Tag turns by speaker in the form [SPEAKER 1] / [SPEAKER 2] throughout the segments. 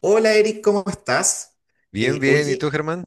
[SPEAKER 1] Hola Eric, ¿cómo estás?
[SPEAKER 2] Bien, bien. ¿Y tú,
[SPEAKER 1] Oye,
[SPEAKER 2] Germán?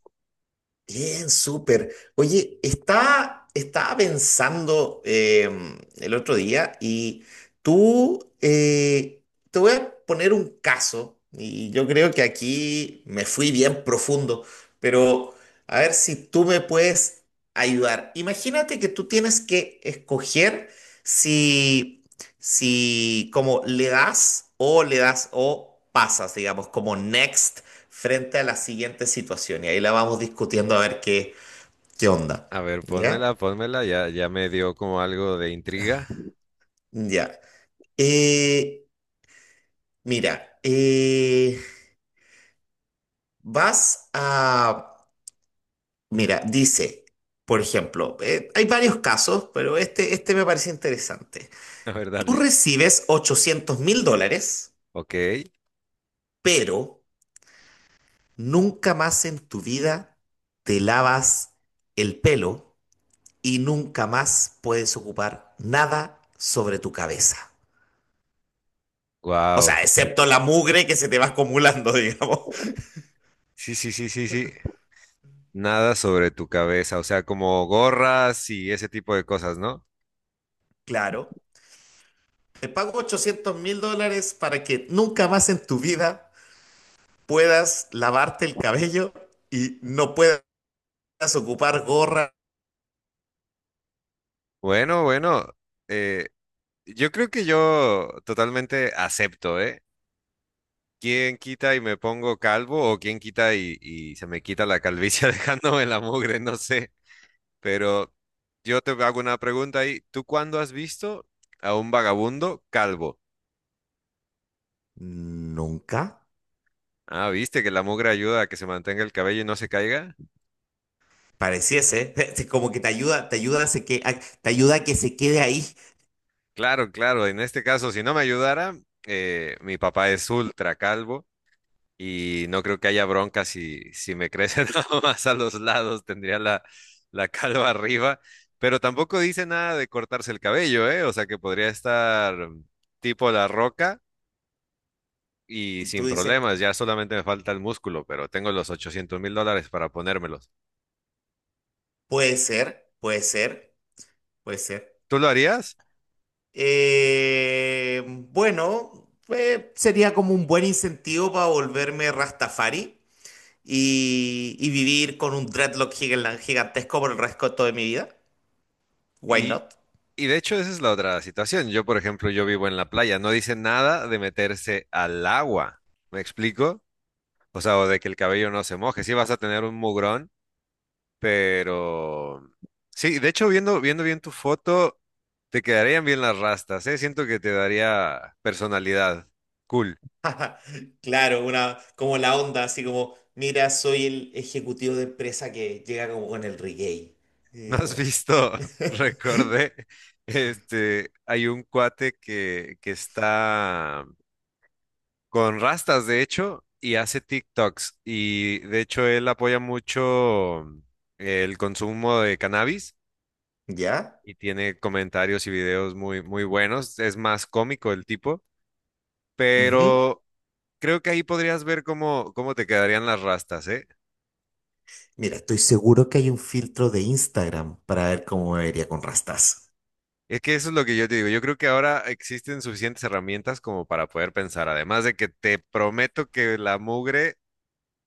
[SPEAKER 1] bien, súper. Oye, estaba pensando el otro día y tú, te voy a poner un caso y yo creo que aquí me fui bien profundo, pero a ver si tú me puedes ayudar. Imagínate que tú tienes que escoger si, si como le das o pasas, digamos, como next frente a la siguiente situación y ahí la vamos discutiendo a ver qué onda.
[SPEAKER 2] A ver, pónmela,
[SPEAKER 1] ¿Ya?
[SPEAKER 2] pónmela. Ya, ya me dio como algo de intriga.
[SPEAKER 1] Ya. Eh, Mira, vas a... Mira, dice, por ejemplo, hay varios casos, pero este me parece interesante.
[SPEAKER 2] A ver,
[SPEAKER 1] Tú
[SPEAKER 2] dale.
[SPEAKER 1] recibes $800,000,
[SPEAKER 2] Ok.
[SPEAKER 1] pero nunca más en tu vida te lavas el pelo y nunca más puedes ocupar nada sobre tu cabeza. O
[SPEAKER 2] Wow.
[SPEAKER 1] sea, excepto la mugre que se te va acumulando, digamos.
[SPEAKER 2] Sí, sí, sí, sí, sí. Nada sobre tu cabeza. O sea, como gorras y ese tipo de cosas, ¿no?
[SPEAKER 1] Claro. Te pago $800,000 para que nunca más en tu vida puedas lavarte el cabello y no puedas ocupar gorra
[SPEAKER 2] Bueno, bueno. eh, yo creo que yo totalmente acepto, ¿eh? ¿Quién quita y me pongo calvo o quién quita y se me quita la calvicie dejándome la mugre? No sé. Pero yo te hago una pregunta ahí. ¿Tú cuándo has visto a un vagabundo calvo?
[SPEAKER 1] nunca.
[SPEAKER 2] Ah, ¿viste que la mugre ayuda a que se mantenga el cabello y no se caiga?
[SPEAKER 1] Pareciese, como que te ayuda a, se que, a- te ayuda a que se quede ahí.
[SPEAKER 2] Claro, claro. En este caso, si no me ayudara, mi papá es ultra calvo y no creo que haya bronca si me crece nada más a los lados. Tendría la, la calva arriba. Pero tampoco dice nada de cortarse el cabello, ¿eh? O sea que podría estar tipo la roca y
[SPEAKER 1] Tú
[SPEAKER 2] sin
[SPEAKER 1] dices,
[SPEAKER 2] problemas, ya solamente me falta el músculo, pero tengo los $800,000 para ponérmelos.
[SPEAKER 1] puede ser, puede ser, puede ser.
[SPEAKER 2] ¿Tú lo harías?
[SPEAKER 1] Bueno, sería como un buen incentivo para volverme Rastafari. Y vivir con un dreadlock gigantesco por el resto de mi vida. Why
[SPEAKER 2] Y,
[SPEAKER 1] not?
[SPEAKER 2] y de hecho esa es la otra situación. Yo, por ejemplo, yo vivo en la playa, no dice nada de meterse al agua, ¿me explico? O sea, o de que el cabello no se moje, sí vas a tener un mugrón, pero... Sí, de hecho, viendo bien tu foto, te quedarían bien las rastas, ¿eh? Siento que te daría personalidad. Cool.
[SPEAKER 1] Claro, una, como la onda, así como, mira, soy el ejecutivo de empresa que llega como con el reggae.
[SPEAKER 2] ¿No
[SPEAKER 1] Y
[SPEAKER 2] has
[SPEAKER 1] como,
[SPEAKER 2] visto? Recordé, este, hay un cuate que está con rastas, de hecho, y hace TikToks. Y de hecho, él apoya mucho el consumo de cannabis
[SPEAKER 1] ¿Ya?
[SPEAKER 2] y tiene comentarios y videos muy, muy buenos. Es más cómico el tipo,
[SPEAKER 1] Ujú.
[SPEAKER 2] pero creo que ahí podrías ver cómo, cómo te quedarían las rastas, ¿eh?
[SPEAKER 1] Mira, estoy seguro que hay un filtro de Instagram para ver cómo me vería con rastas.
[SPEAKER 2] Es que eso es lo que yo te digo. Yo creo que ahora existen suficientes herramientas como para poder pensar. Además de que te prometo que la mugre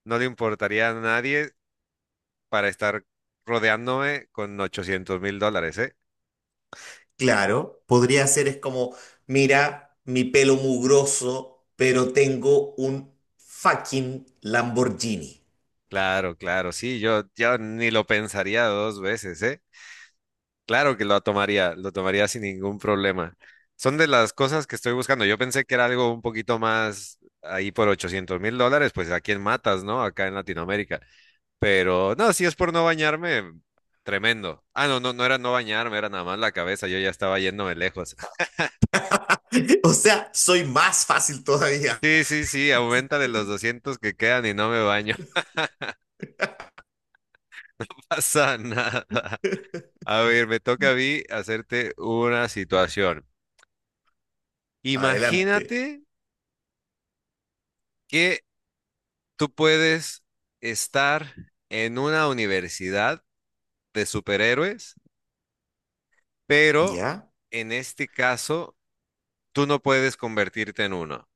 [SPEAKER 2] no le importaría a nadie para estar rodeándome con $800,000, ¿eh?
[SPEAKER 1] Claro, podría ser es como, mira, mi pelo mugroso, pero tengo un fucking Lamborghini.
[SPEAKER 2] Claro, claro, sí, yo ni lo pensaría dos veces, ¿eh? Claro que lo tomaría sin ningún problema. Son de las cosas que estoy buscando. Yo pensé que era algo un poquito más ahí por $800,000, pues a quién matas, ¿no? Acá en Latinoamérica. Pero no, si es por no bañarme, tremendo. Ah, no, no, no era no bañarme, era nada más la cabeza, yo ya estaba yéndome lejos.
[SPEAKER 1] O sea, soy más fácil todavía.
[SPEAKER 2] Sí, sí, sí, aumenta de los 200 que quedan y no me baño, no pasa nada. A ver, me toca a mí hacerte una situación. Imagínate
[SPEAKER 1] Adelante.
[SPEAKER 2] que tú puedes estar en una universidad de superhéroes, pero
[SPEAKER 1] ¿Ya?
[SPEAKER 2] en este caso tú no puedes convertirte en uno.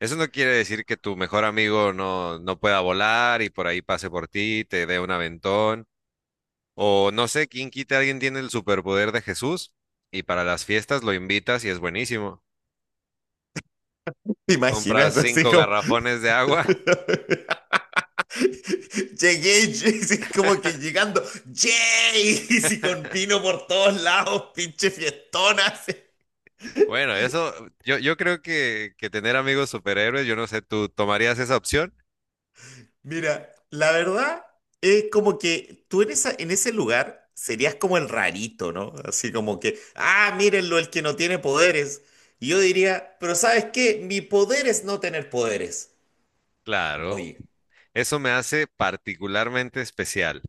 [SPEAKER 2] Eso no quiere decir que tu mejor amigo no, no pueda volar y por ahí pase por ti, te dé un aventón. O no sé, quién quita, alguien tiene el superpoder de Jesús y para las fiestas lo invitas y es buenísimo.
[SPEAKER 1] ¿Te
[SPEAKER 2] Compras
[SPEAKER 1] imaginas así
[SPEAKER 2] cinco
[SPEAKER 1] como...
[SPEAKER 2] garrafones de agua.
[SPEAKER 1] Llegué, sí, como que llegando, ¡yay! Y si con vino por todos lados, pinche fiestona. así.
[SPEAKER 2] Bueno, eso, yo creo que tener amigos superhéroes, yo no sé, ¿tú tomarías esa opción?
[SPEAKER 1] Mira, la verdad es como que tú en ese lugar serías como el rarito, ¿no? Así como que, ah, mírenlo, el que no tiene poderes. Y yo diría, pero ¿sabes qué? Mi poder es no tener poderes.
[SPEAKER 2] Claro,
[SPEAKER 1] Oye.
[SPEAKER 2] eso me hace particularmente especial.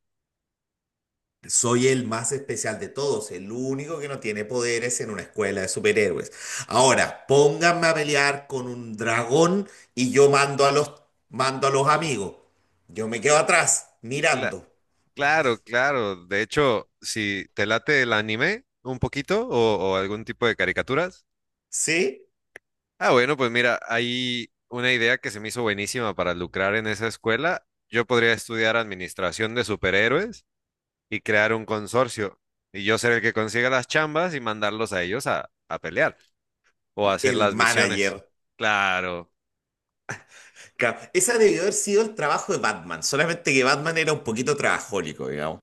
[SPEAKER 1] Soy el más especial de todos, el único que no tiene poderes en una escuela de superhéroes. Ahora, pónganme a pelear con un dragón y yo mando a los amigos. Yo me quedo atrás,
[SPEAKER 2] Cla-
[SPEAKER 1] mirando.
[SPEAKER 2] claro, claro. De hecho, si te late el anime un poquito o algún tipo de caricaturas.
[SPEAKER 1] ¿Sí?
[SPEAKER 2] Ah, bueno, pues mira, hay una idea que se me hizo buenísima para lucrar en esa escuela. Yo podría estudiar administración de superhéroes y crear un consorcio. Y yo ser el que consiga las chambas y mandarlos a ellos a pelear o a hacer
[SPEAKER 1] El
[SPEAKER 2] las misiones.
[SPEAKER 1] manager.
[SPEAKER 2] Claro.
[SPEAKER 1] Esa debió haber sido el trabajo de Batman, solamente que Batman era un poquito trabajólico, digamos.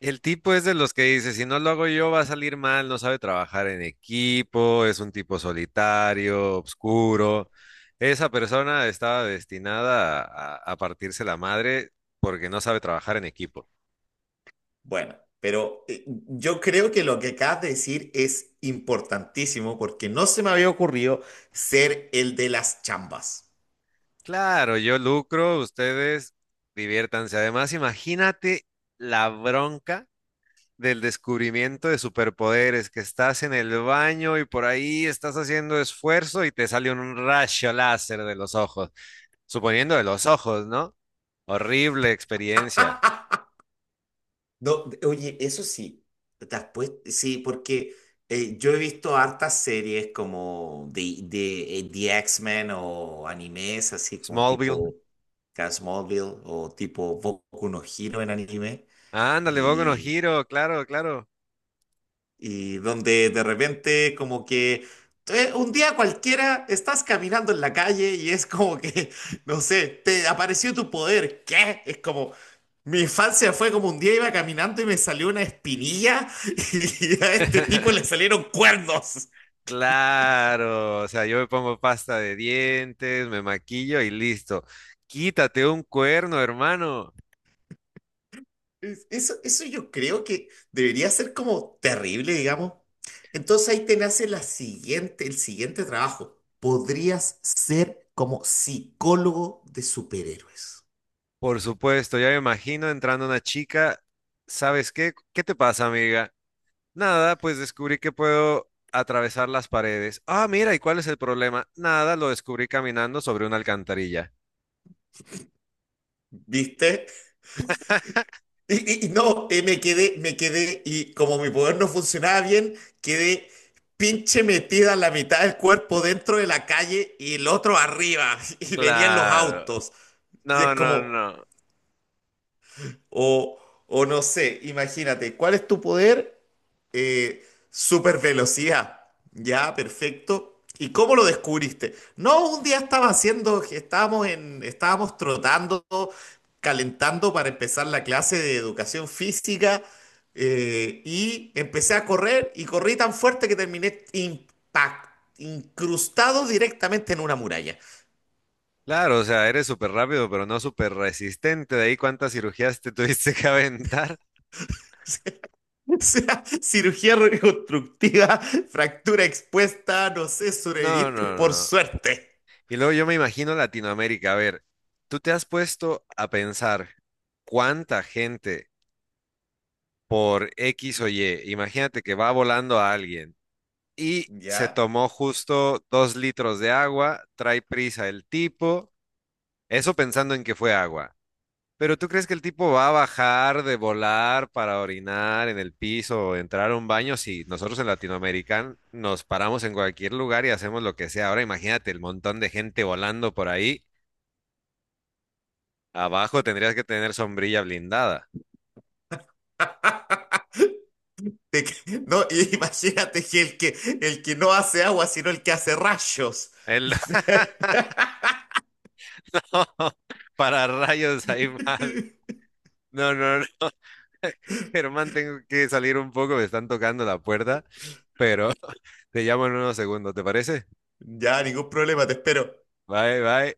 [SPEAKER 2] El tipo es de los que dice, si no lo hago yo va a salir mal, no sabe trabajar en equipo, es un tipo solitario, oscuro. Esa persona estaba destinada a a partirse la madre porque no sabe trabajar en equipo.
[SPEAKER 1] Bueno, pero yo creo que lo que acabas de decir es importantísimo porque no se me había ocurrido ser el de las chambas.
[SPEAKER 2] Claro, yo lucro, ustedes diviértanse. Además, imagínate la bronca del descubrimiento de superpoderes, que estás en el baño y por ahí estás haciendo esfuerzo y te sale un rayo láser de los ojos, suponiendo de los ojos, ¿no? Horrible experiencia.
[SPEAKER 1] No, oye, eso sí, sí, porque yo he visto hartas series como The X-Men o animes, así como
[SPEAKER 2] Smallville.
[SPEAKER 1] tipo Casmobile o tipo Boku no Hero en anime,
[SPEAKER 2] Ándale, Boku no Hero, claro, claro.
[SPEAKER 1] y donde de repente como que un día cualquiera estás caminando en la calle y es como que, no sé, te apareció tu poder. ¿Qué? Es como, mi infancia fue como un día iba caminando y me salió una espinilla y a este tipo le salieron cuernos.
[SPEAKER 2] Claro, o sea, yo me pongo pasta de dientes, me maquillo y listo. Quítate un cuerno, hermano.
[SPEAKER 1] Eso yo creo que debería ser como terrible, digamos. Entonces ahí te nace el siguiente trabajo. Podrías ser como psicólogo de superhéroes.
[SPEAKER 2] Por supuesto, ya me imagino entrando una chica. ¿Sabes qué? ¿Qué te pasa, amiga? Nada, pues descubrí que puedo atravesar las paredes. Ah, mira, ¿y cuál es el problema? Nada, lo descubrí caminando sobre una alcantarilla.
[SPEAKER 1] ¿Viste? Y no, me quedé, y como mi poder no funcionaba bien, quedé pinche metida la mitad del cuerpo dentro de la calle y el otro arriba, y venían los
[SPEAKER 2] Claro.
[SPEAKER 1] autos. Y es
[SPEAKER 2] No, no,
[SPEAKER 1] como,
[SPEAKER 2] no.
[SPEAKER 1] O, o no sé, imagínate, ¿cuál es tu poder? Eh, Super velocidad. Ya, perfecto. ¿Y cómo lo descubriste? No, un día estaba haciendo, estábamos en, estábamos trotando, calentando para empezar la clase de educación física y empecé a correr y corrí tan fuerte que terminé incrustado directamente en una muralla.
[SPEAKER 2] Claro, o sea, eres súper rápido, pero no súper resistente. De ahí cuántas cirugías te tuviste que aventar.
[SPEAKER 1] O sea, cirugía reconstructiva, fractura expuesta, no sé,
[SPEAKER 2] No,
[SPEAKER 1] sobreviviste
[SPEAKER 2] no,
[SPEAKER 1] por
[SPEAKER 2] no.
[SPEAKER 1] suerte.
[SPEAKER 2] Y luego yo me imagino Latinoamérica. A ver, tú te has puesto a pensar cuánta gente por X o Y. Imagínate que va volando a alguien y se
[SPEAKER 1] ¿Ya?
[SPEAKER 2] tomó justo 2 litros de agua, trae prisa el tipo, eso pensando en que fue agua. Pero ¿tú crees que el tipo va a bajar de volar para orinar en el piso o entrar a un baño? Si nosotros en Latinoamérica nos paramos en cualquier lugar y hacemos lo que sea. Ahora imagínate el montón de gente volando por ahí. Abajo tendrías que tener sombrilla blindada.
[SPEAKER 1] No, y imagínate que el que no hace agua, sino el que hace rayos.
[SPEAKER 2] El no, para rayos ahí mal. No, no, no. Germán, tengo que salir un poco, me están tocando la puerta, pero te llamo en unos segundos, ¿te parece?
[SPEAKER 1] Ya, ningún problema, te espero.
[SPEAKER 2] Bye, bye.